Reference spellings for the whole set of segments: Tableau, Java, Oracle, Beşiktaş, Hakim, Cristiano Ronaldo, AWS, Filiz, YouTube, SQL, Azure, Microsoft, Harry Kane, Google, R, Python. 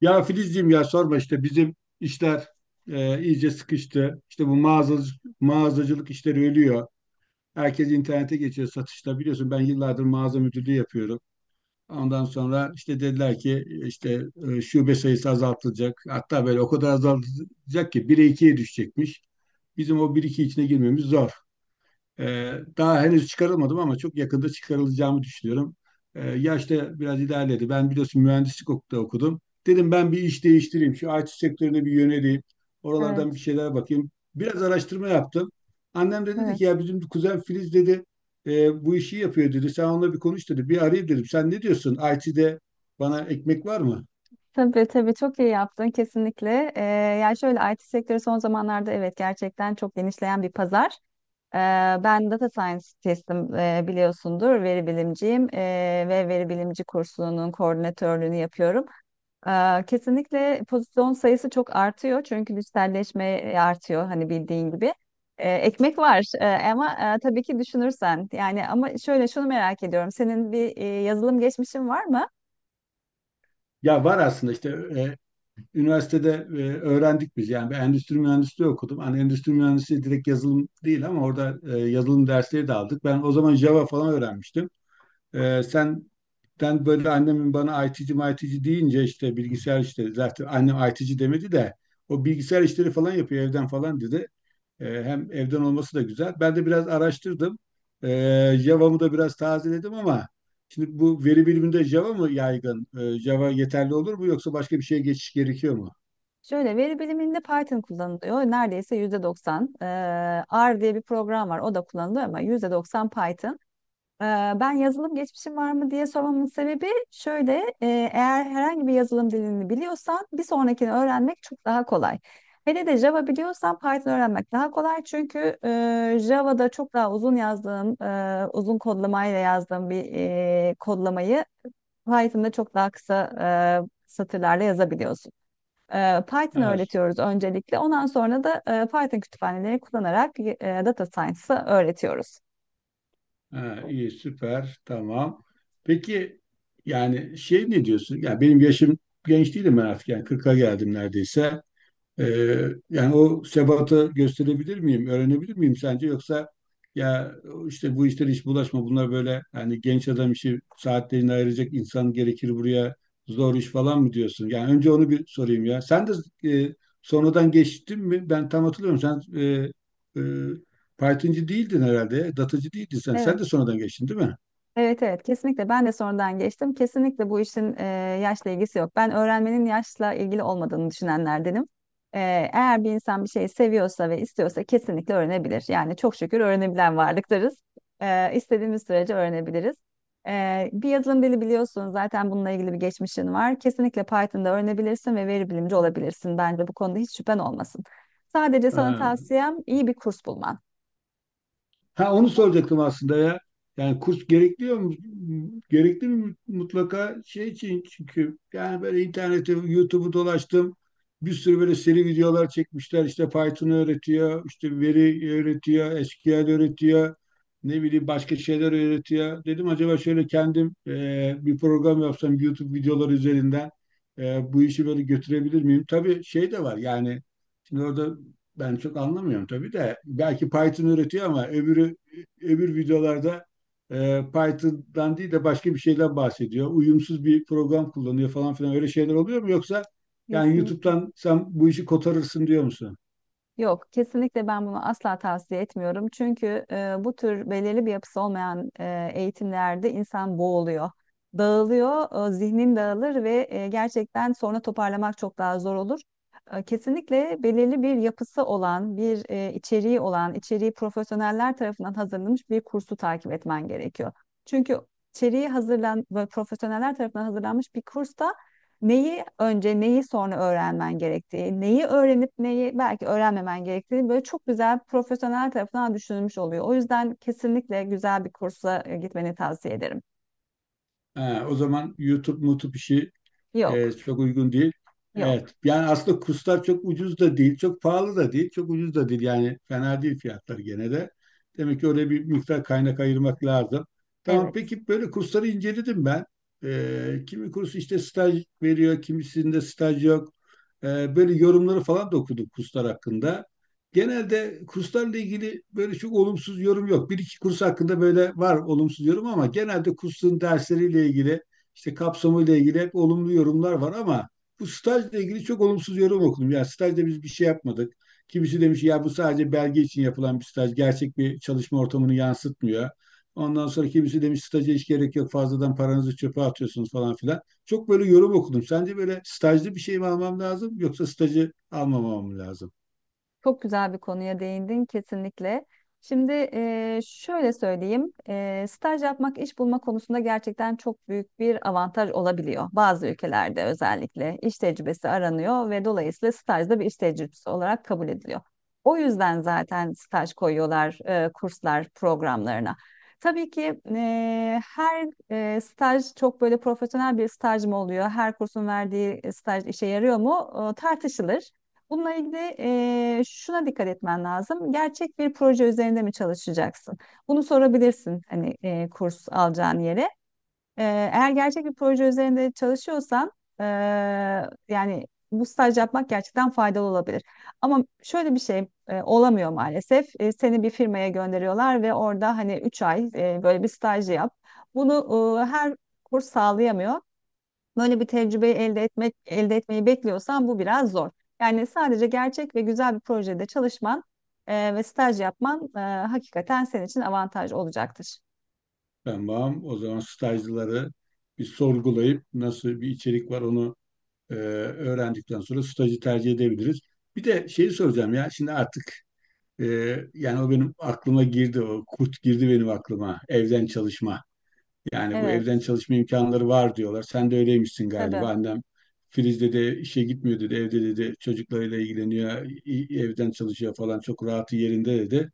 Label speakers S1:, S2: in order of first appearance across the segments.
S1: Ya Filizciğim ya sorma işte bizim işler iyice sıkıştı. İşte bu mağazacılık, mağazacılık işleri ölüyor. Herkes internete geçiyor satışta. Biliyorsun ben yıllardır mağaza müdürlüğü yapıyorum. Ondan sonra işte dediler ki işte şube sayısı azaltılacak. Hatta böyle o kadar azaltılacak ki 1'e ikiye düşecekmiş. Bizim o bir iki içine girmemiz zor. Daha henüz çıkarılmadım ama çok yakında çıkarılacağımı düşünüyorum. Yaş da biraz ilerledi. Ben biliyorsun mühendislik okulda okudum. Dedim ben bir iş değiştireyim. Şu IT sektörüne bir yöneleyim. Oralardan bir
S2: Evet,
S1: şeyler bakayım. Biraz araştırma yaptım. Annem de dedi
S2: evet.
S1: ki ya bizim kuzen Filiz dedi bu işi yapıyor dedi. Sen onunla bir konuş dedi. Bir arayayım dedim. Sen ne diyorsun? IT'de bana ekmek var mı?
S2: Tabii tabii çok iyi yaptın kesinlikle. Yani şöyle, IT sektörü son zamanlarda, evet, gerçekten çok genişleyen bir pazar. Ee, Ben data scientist'im, biliyorsundur, veri bilimciyim, ve veri bilimci kursunun koordinatörlüğünü yapıyorum. Kesinlikle pozisyon sayısı çok artıyor çünkü dijitalleşme artıyor, hani bildiğin gibi. Ekmek var. Ama tabii ki düşünürsen, yani, ama şöyle, şunu merak ediyorum: senin bir yazılım geçmişin var mı?
S1: Ya var aslında işte e, üniversitede öğrendik biz. Yani ben endüstri mühendisliği okudum. Hani endüstri mühendisliği direkt yazılım değil ama orada yazılım dersleri de aldık. Ben o zaman Java falan öğrenmiştim. E, sen ben böyle annemin bana IT'ci deyince işte bilgisayar işleri zaten annem IT'ci demedi de o bilgisayar işleri falan yapıyor evden falan dedi. E, hem evden olması da güzel. Ben de biraz araştırdım. E, Java'mı da biraz tazeledim ama şimdi bu veri biliminde Java mı yaygın? E, Java yeterli olur mu yoksa başka bir şeye geçiş gerekiyor mu?
S2: Şöyle, veri biliminde Python kullanılıyor. Neredeyse %90. R diye bir program var. O da kullanılıyor, ama %90 Python. Ee, Ben yazılım geçmişim var mı diye sormamın sebebi şöyle: e, eğer herhangi bir yazılım dilini biliyorsan, bir sonrakini öğrenmek çok daha kolay. Hele de Java biliyorsan Python öğrenmek daha kolay, çünkü Java'da çok daha uzun yazdığım, uzun kodlamayla yazdığım bir kodlamayı Python'da çok daha kısa satırlarla yazabiliyorsun. Python
S1: Evet.
S2: öğretiyoruz öncelikle. Ondan sonra da Python kütüphaneleri kullanarak data science'ı öğretiyoruz.
S1: Ha, iyi, süper. Tamam. Peki yani şey ne diyorsun? Yani benim yaşım genç değilim ben artık. Yani 40'a geldim neredeyse. Yani o sebatı gösterebilir miyim, öğrenebilir miyim sence? Yoksa ya işte bu işlere hiç bulaşma, bunlar böyle hani genç adam işi saatlerini ayıracak insan gerekir buraya zor iş falan mı diyorsun? Yani önce onu bir sorayım ya. Sen de e, sonradan geçtin mi? Ben tam hatırlıyorum. Sen e, Python'cı değildin herhalde, datacı değildin sen. Sen de
S2: Evet.
S1: sonradan geçtin değil mi?
S2: Evet evet, kesinlikle ben de sonradan geçtim. Kesinlikle bu işin yaşla ilgisi yok. Ben öğrenmenin yaşla ilgili olmadığını düşünenlerdenim. E, Eğer bir insan bir şeyi seviyorsa ve istiyorsa kesinlikle öğrenebilir. Yani çok şükür öğrenebilen varlıklarız. İstediğimiz sürece öğrenebiliriz. Bir yazılım dili biliyorsun zaten, bununla ilgili bir geçmişin var. Kesinlikle Python'da öğrenebilirsin ve veri bilimci olabilirsin. Bence bu konuda hiç şüphen olmasın. Sadece sana
S1: Ha.
S2: tavsiyem, iyi bir kurs bulman.
S1: Ha onu soracaktım aslında ya. Yani kurs gerekliyor mu? Gerekli mi mutlaka şey için çünkü yani böyle internette YouTube'u dolaştım. Bir sürü böyle seri videolar çekmişler. İşte Python öğretiyor, işte veri öğretiyor, SQL öğretiyor. Ne bileyim başka şeyler öğretiyor. Dedim acaba şöyle kendim bir program yapsam YouTube videoları üzerinden bu işi böyle götürebilir miyim? Tabii şey de var yani şimdi orada ben çok anlamıyorum tabii de belki Python üretiyor ama öbür videolarda Python'dan değil de başka bir şeyden bahsediyor. Uyumsuz bir program kullanıyor falan filan öyle şeyler oluyor mu yoksa yani
S2: Kesinlikle.
S1: YouTube'dan sen bu işi kotarırsın diyor musun?
S2: Yok, kesinlikle ben bunu asla tavsiye etmiyorum. Çünkü bu tür belirli bir yapısı olmayan eğitimlerde insan boğuluyor, dağılıyor, zihnin dağılır ve gerçekten sonra toparlamak çok daha zor olur. Kesinlikle belirli bir yapısı olan, bir içeriği olan, içeriği profesyoneller tarafından hazırlanmış bir kursu takip etmen gerekiyor. Çünkü içeriği hazırlan ve profesyoneller tarafından hazırlanmış bir kursta neyi önce neyi sonra öğrenmen gerektiği, neyi öğrenip neyi belki öğrenmemen gerektiği böyle çok güzel, profesyonel tarafından düşünülmüş oluyor. O yüzden kesinlikle güzel bir kursa gitmeni tavsiye ederim.
S1: Ha, o zaman YouTube işi E,
S2: Yok,
S1: çok uygun değil.
S2: yok.
S1: Evet. Yani aslında kurslar çok ucuz da değil, çok pahalı da değil, çok ucuz da değil. Yani fena değil fiyatları gene de. Demek ki oraya bir miktar kaynak ayırmak lazım. Tamam
S2: Evet.
S1: peki böyle kursları inceledim ben. Kimi kurs işte staj veriyor, kimisinde staj yok. Böyle yorumları falan da okudum kurslar hakkında. Genelde kurslarla ilgili böyle çok olumsuz yorum yok. Bir iki kurs hakkında böyle var olumsuz yorum ama genelde kursun dersleriyle ilgili işte kapsamıyla ilgili hep olumlu yorumlar var ama bu stajla ilgili çok olumsuz yorum okudum. Ya stajda biz bir şey yapmadık. Kimisi demiş ya bu sadece belge için yapılan bir staj. Gerçek bir çalışma ortamını yansıtmıyor. Ondan sonra kimisi demiş staja hiç gerek yok fazladan paranızı çöpe atıyorsunuz falan filan. Çok böyle yorum okudum. Sence böyle stajlı bir şey mi almam lazım yoksa stajı almamam mı lazım?
S2: Çok güzel bir konuya değindin kesinlikle. Şimdi, şöyle söyleyeyim: staj yapmak iş bulma konusunda gerçekten çok büyük bir avantaj olabiliyor. Bazı ülkelerde özellikle iş tecrübesi aranıyor ve dolayısıyla staj da bir iş tecrübesi olarak kabul ediliyor. O yüzden zaten staj koyuyorlar kurslar programlarına. Tabii ki her staj çok böyle profesyonel bir staj mı oluyor? Her kursun verdiği staj işe yarıyor mu? Tartışılır. Bununla ilgili şuna dikkat etmen lazım: gerçek bir proje üzerinde mi çalışacaksın? Bunu sorabilirsin, hani kurs alacağın yere. Eğer gerçek bir proje üzerinde çalışıyorsan, eee, yani, bu staj yapmak gerçekten faydalı olabilir. Ama şöyle bir şey olamıyor maalesef. Seni bir firmaya gönderiyorlar ve orada, hani, 3 ay böyle bir staj yap. Bunu her kurs sağlayamıyor. Böyle bir tecrübeyi elde etmek, elde etmeyi bekliyorsan, bu biraz zor. Yani sadece gerçek ve güzel bir projede çalışman ve staj yapman hakikaten senin için avantaj olacaktır.
S1: Ben bağım o zaman stajlıları bir sorgulayıp nasıl bir içerik var onu öğrendikten sonra stajı tercih edebiliriz. Bir de şeyi soracağım ya şimdi artık e, yani o benim aklıma girdi o kurt girdi benim aklıma evden çalışma. Yani bu
S2: Evet,
S1: evden çalışma imkanları var diyorlar. Sen de öyleymişsin
S2: tabii.
S1: galiba. Annem Filiz dedi işe gitmiyor dedi evde dedi çocuklarıyla ilgileniyor evden çalışıyor falan çok rahatı yerinde dedi.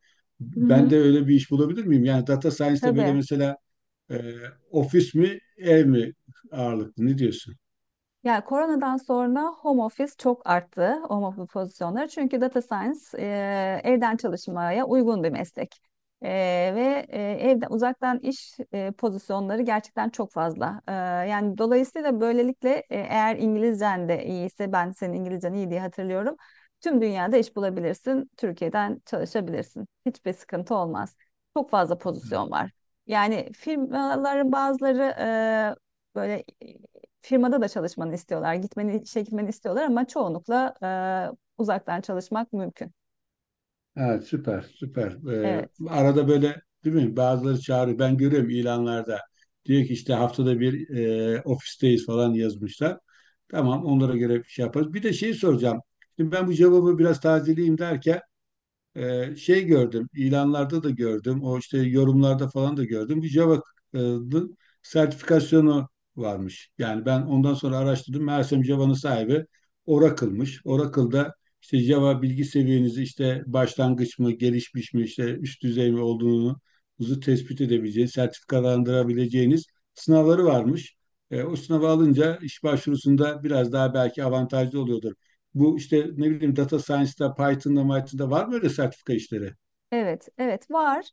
S2: Hı
S1: Ben
S2: hı.
S1: de öyle bir iş bulabilir miyim? Yani data science'da böyle
S2: Tabii.
S1: mesela e, ofis mi ev mi ağırlıklı ne diyorsun?
S2: Ya, koronadan sonra home office çok arttı, home office pozisyonları. Çünkü data science evden çalışmaya uygun bir meslek. E, Ve evden uzaktan iş pozisyonları gerçekten çok fazla. Yani dolayısıyla, böylelikle eğer İngilizcen de iyiyse, ben senin İngilizcen iyi diye hatırlıyorum. Tüm dünyada iş bulabilirsin, Türkiye'den çalışabilirsin. Hiçbir sıkıntı olmaz. Çok fazla pozisyon var. Yani firmaların bazıları böyle firmada da çalışmanı istiyorlar. Gitmeni, işe gitmeni istiyorlar, ama çoğunlukla uzaktan çalışmak mümkün.
S1: Evet süper süper.
S2: Evet,
S1: Arada böyle değil mi? Bazıları çağırıyor. Ben görüyorum ilanlarda. Diyor ki işte haftada bir ofisteyiz falan yazmışlar. Tamam onlara göre bir şey yaparız. Bir de şeyi soracağım. Şimdi ben bu cevabı biraz tazeleyeyim derken şey gördüm, ilanlarda da gördüm, o işte yorumlarda falan da gördüm. Bu Java e, dı- sertifikasyonu varmış. Yani ben ondan sonra araştırdım. Meğersem Java'nın sahibi Oracle'mış. Oracle'da işte Java bilgi seviyenizi işte başlangıç mı, gelişmiş mi, işte üst düzey mi olduğunuzu tespit edebileceğiniz, sertifikalandırabileceğiniz sınavları varmış. E, o sınavı alınca iş başvurusunda biraz daha belki avantajlı oluyordur bu işte ne bileyim data science'da, Python'da var mı öyle sertifika işleri?
S2: evet, evet var.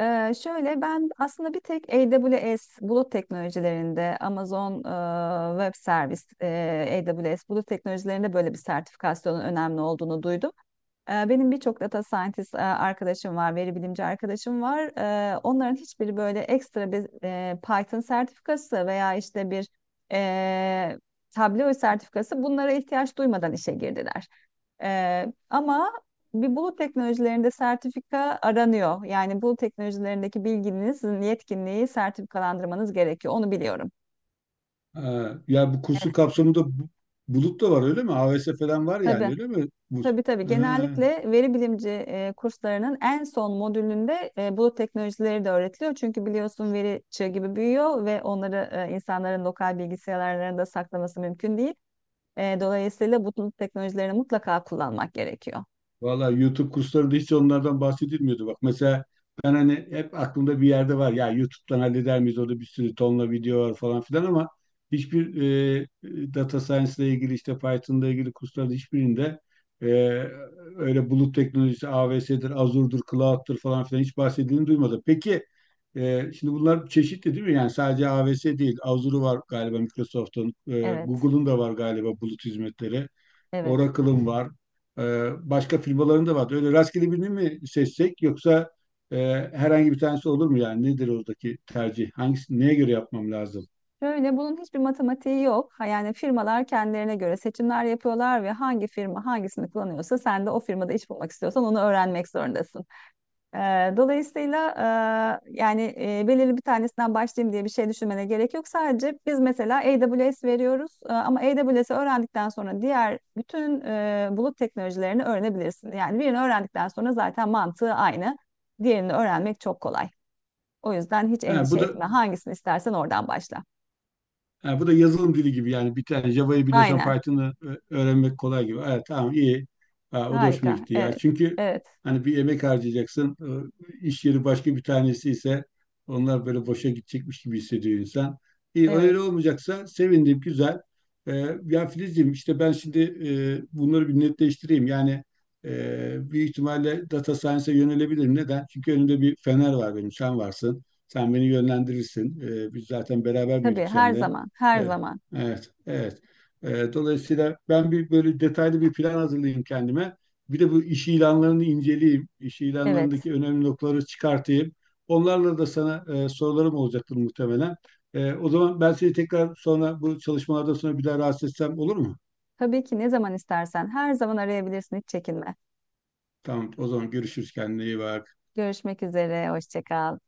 S2: Şöyle, ben aslında bir tek AWS bulut teknolojilerinde, Amazon Web Service, AWS bulut teknolojilerinde böyle bir sertifikasyonun önemli olduğunu duydum. Benim birçok data scientist arkadaşım var, veri bilimci arkadaşım var. Onların hiçbiri böyle ekstra bir Python sertifikası veya işte bir eee Tableau sertifikası, bunlara ihtiyaç duymadan işe girdiler. Ama bir, bulut teknolojilerinde sertifika aranıyor. Yani bulut teknolojilerindeki bilginizin yetkinliği sertifikalandırmanız gerekiyor. Onu biliyorum.
S1: Ha, ya bu kursun
S2: Evet.
S1: kapsamında bulut da var öyle mi? AWS falan var yani
S2: Tabii.
S1: öyle mi? Bu,
S2: Tabii tabii. Genellikle veri bilimci kurslarının en son modülünde bulut teknolojileri de öğretiliyor. Çünkü biliyorsun, veri çığ gibi büyüyor ve onları insanların lokal bilgisayarlarında saklaması mümkün değil. Dolayısıyla bu bulut teknolojilerini mutlaka kullanmak gerekiyor.
S1: Valla YouTube kurslarında hiç onlardan bahsedilmiyordu. Bak mesela ben hani hep aklımda bir yerde var. Ya YouTube'dan halleder miyiz? Orada bir sürü tonla video var falan filan ama hiçbir data science ile ilgili işte Python'la ilgili kurslarda hiçbirinde e, öyle bulut teknolojisi AWS'dir, Azure'dur, Cloud'dur falan filan hiç bahsedildiğini duymadım. Peki şimdi bunlar çeşitli değil mi? Yani sadece AWS değil. Azure var galiba Microsoft'un.
S2: Evet.
S1: Google'un da var galiba bulut hizmetleri.
S2: Evet.
S1: Oracle'ın var. Başka firmaların da vardı. Öyle rastgele birini mi seçsek yoksa e, herhangi bir tanesi olur mu yani? Nedir oradaki tercih? Hangisi, neye göre yapmam lazım?
S2: Şöyle, bunun hiçbir matematiği yok. Ha, yani firmalar kendilerine göre seçimler yapıyorlar ve hangi firma hangisini kullanıyorsa, sen de o firmada iş bulmak istiyorsan onu öğrenmek zorundasın. Ee, Dolayısıyla, yani, belirli bir tanesinden başlayayım diye bir şey düşünmene gerek yok. Sadece biz mesela AWS veriyoruz, ama AWS'i öğrendikten sonra diğer bütün bulut teknolojilerini öğrenebilirsin. Yani birini öğrendikten sonra zaten mantığı aynı. Diğerini öğrenmek çok kolay. O yüzden hiç
S1: Ha,
S2: endişe
S1: bu da
S2: etme. Hangisini istersen oradan başla.
S1: Ha, bu da yazılım dili gibi yani bir tane Java'yı biliyorsan
S2: Aynen.
S1: Python'ı öğrenmek kolay gibi. Evet tamam iyi. Ha, o da hoşuma
S2: Harika.
S1: gitti ya.
S2: Evet.
S1: Çünkü
S2: Evet.
S1: hani bir emek harcayacaksın. İş yeri başka bir tanesi ise onlar böyle boşa gidecekmiş gibi hissediyor insan. İyi
S2: Evet.
S1: öyle olmayacaksa sevindim güzel. Ya Filizciğim işte ben şimdi bunları bir netleştireyim. Yani büyük ihtimalle data science'a yönelebilirim. Neden? Çünkü önümde bir fener var benim. Sen varsın. Sen beni yönlendirirsin. Biz zaten beraber
S2: Tabii,
S1: büyüdük
S2: her
S1: seninle.
S2: zaman. Her
S1: Evet,
S2: zaman.
S1: evet, evet. Dolayısıyla ben bir böyle detaylı bir plan hazırlayayım kendime. Bir de bu iş ilanlarını inceleyeyim. İş
S2: Evet.
S1: ilanlarındaki önemli noktaları çıkartayım. Onlarla da sana sorularım olacaktır muhtemelen. O zaman ben seni tekrar sonra bu çalışmalardan sonra bir daha rahatsız etsem olur mu?
S2: Tabii ki, ne zaman istersen her zaman arayabilirsin. Hiç çekinme.
S1: Tamam, o zaman görüşürüz. Kendine iyi bak.
S2: Görüşmek üzere. Hoşça kal.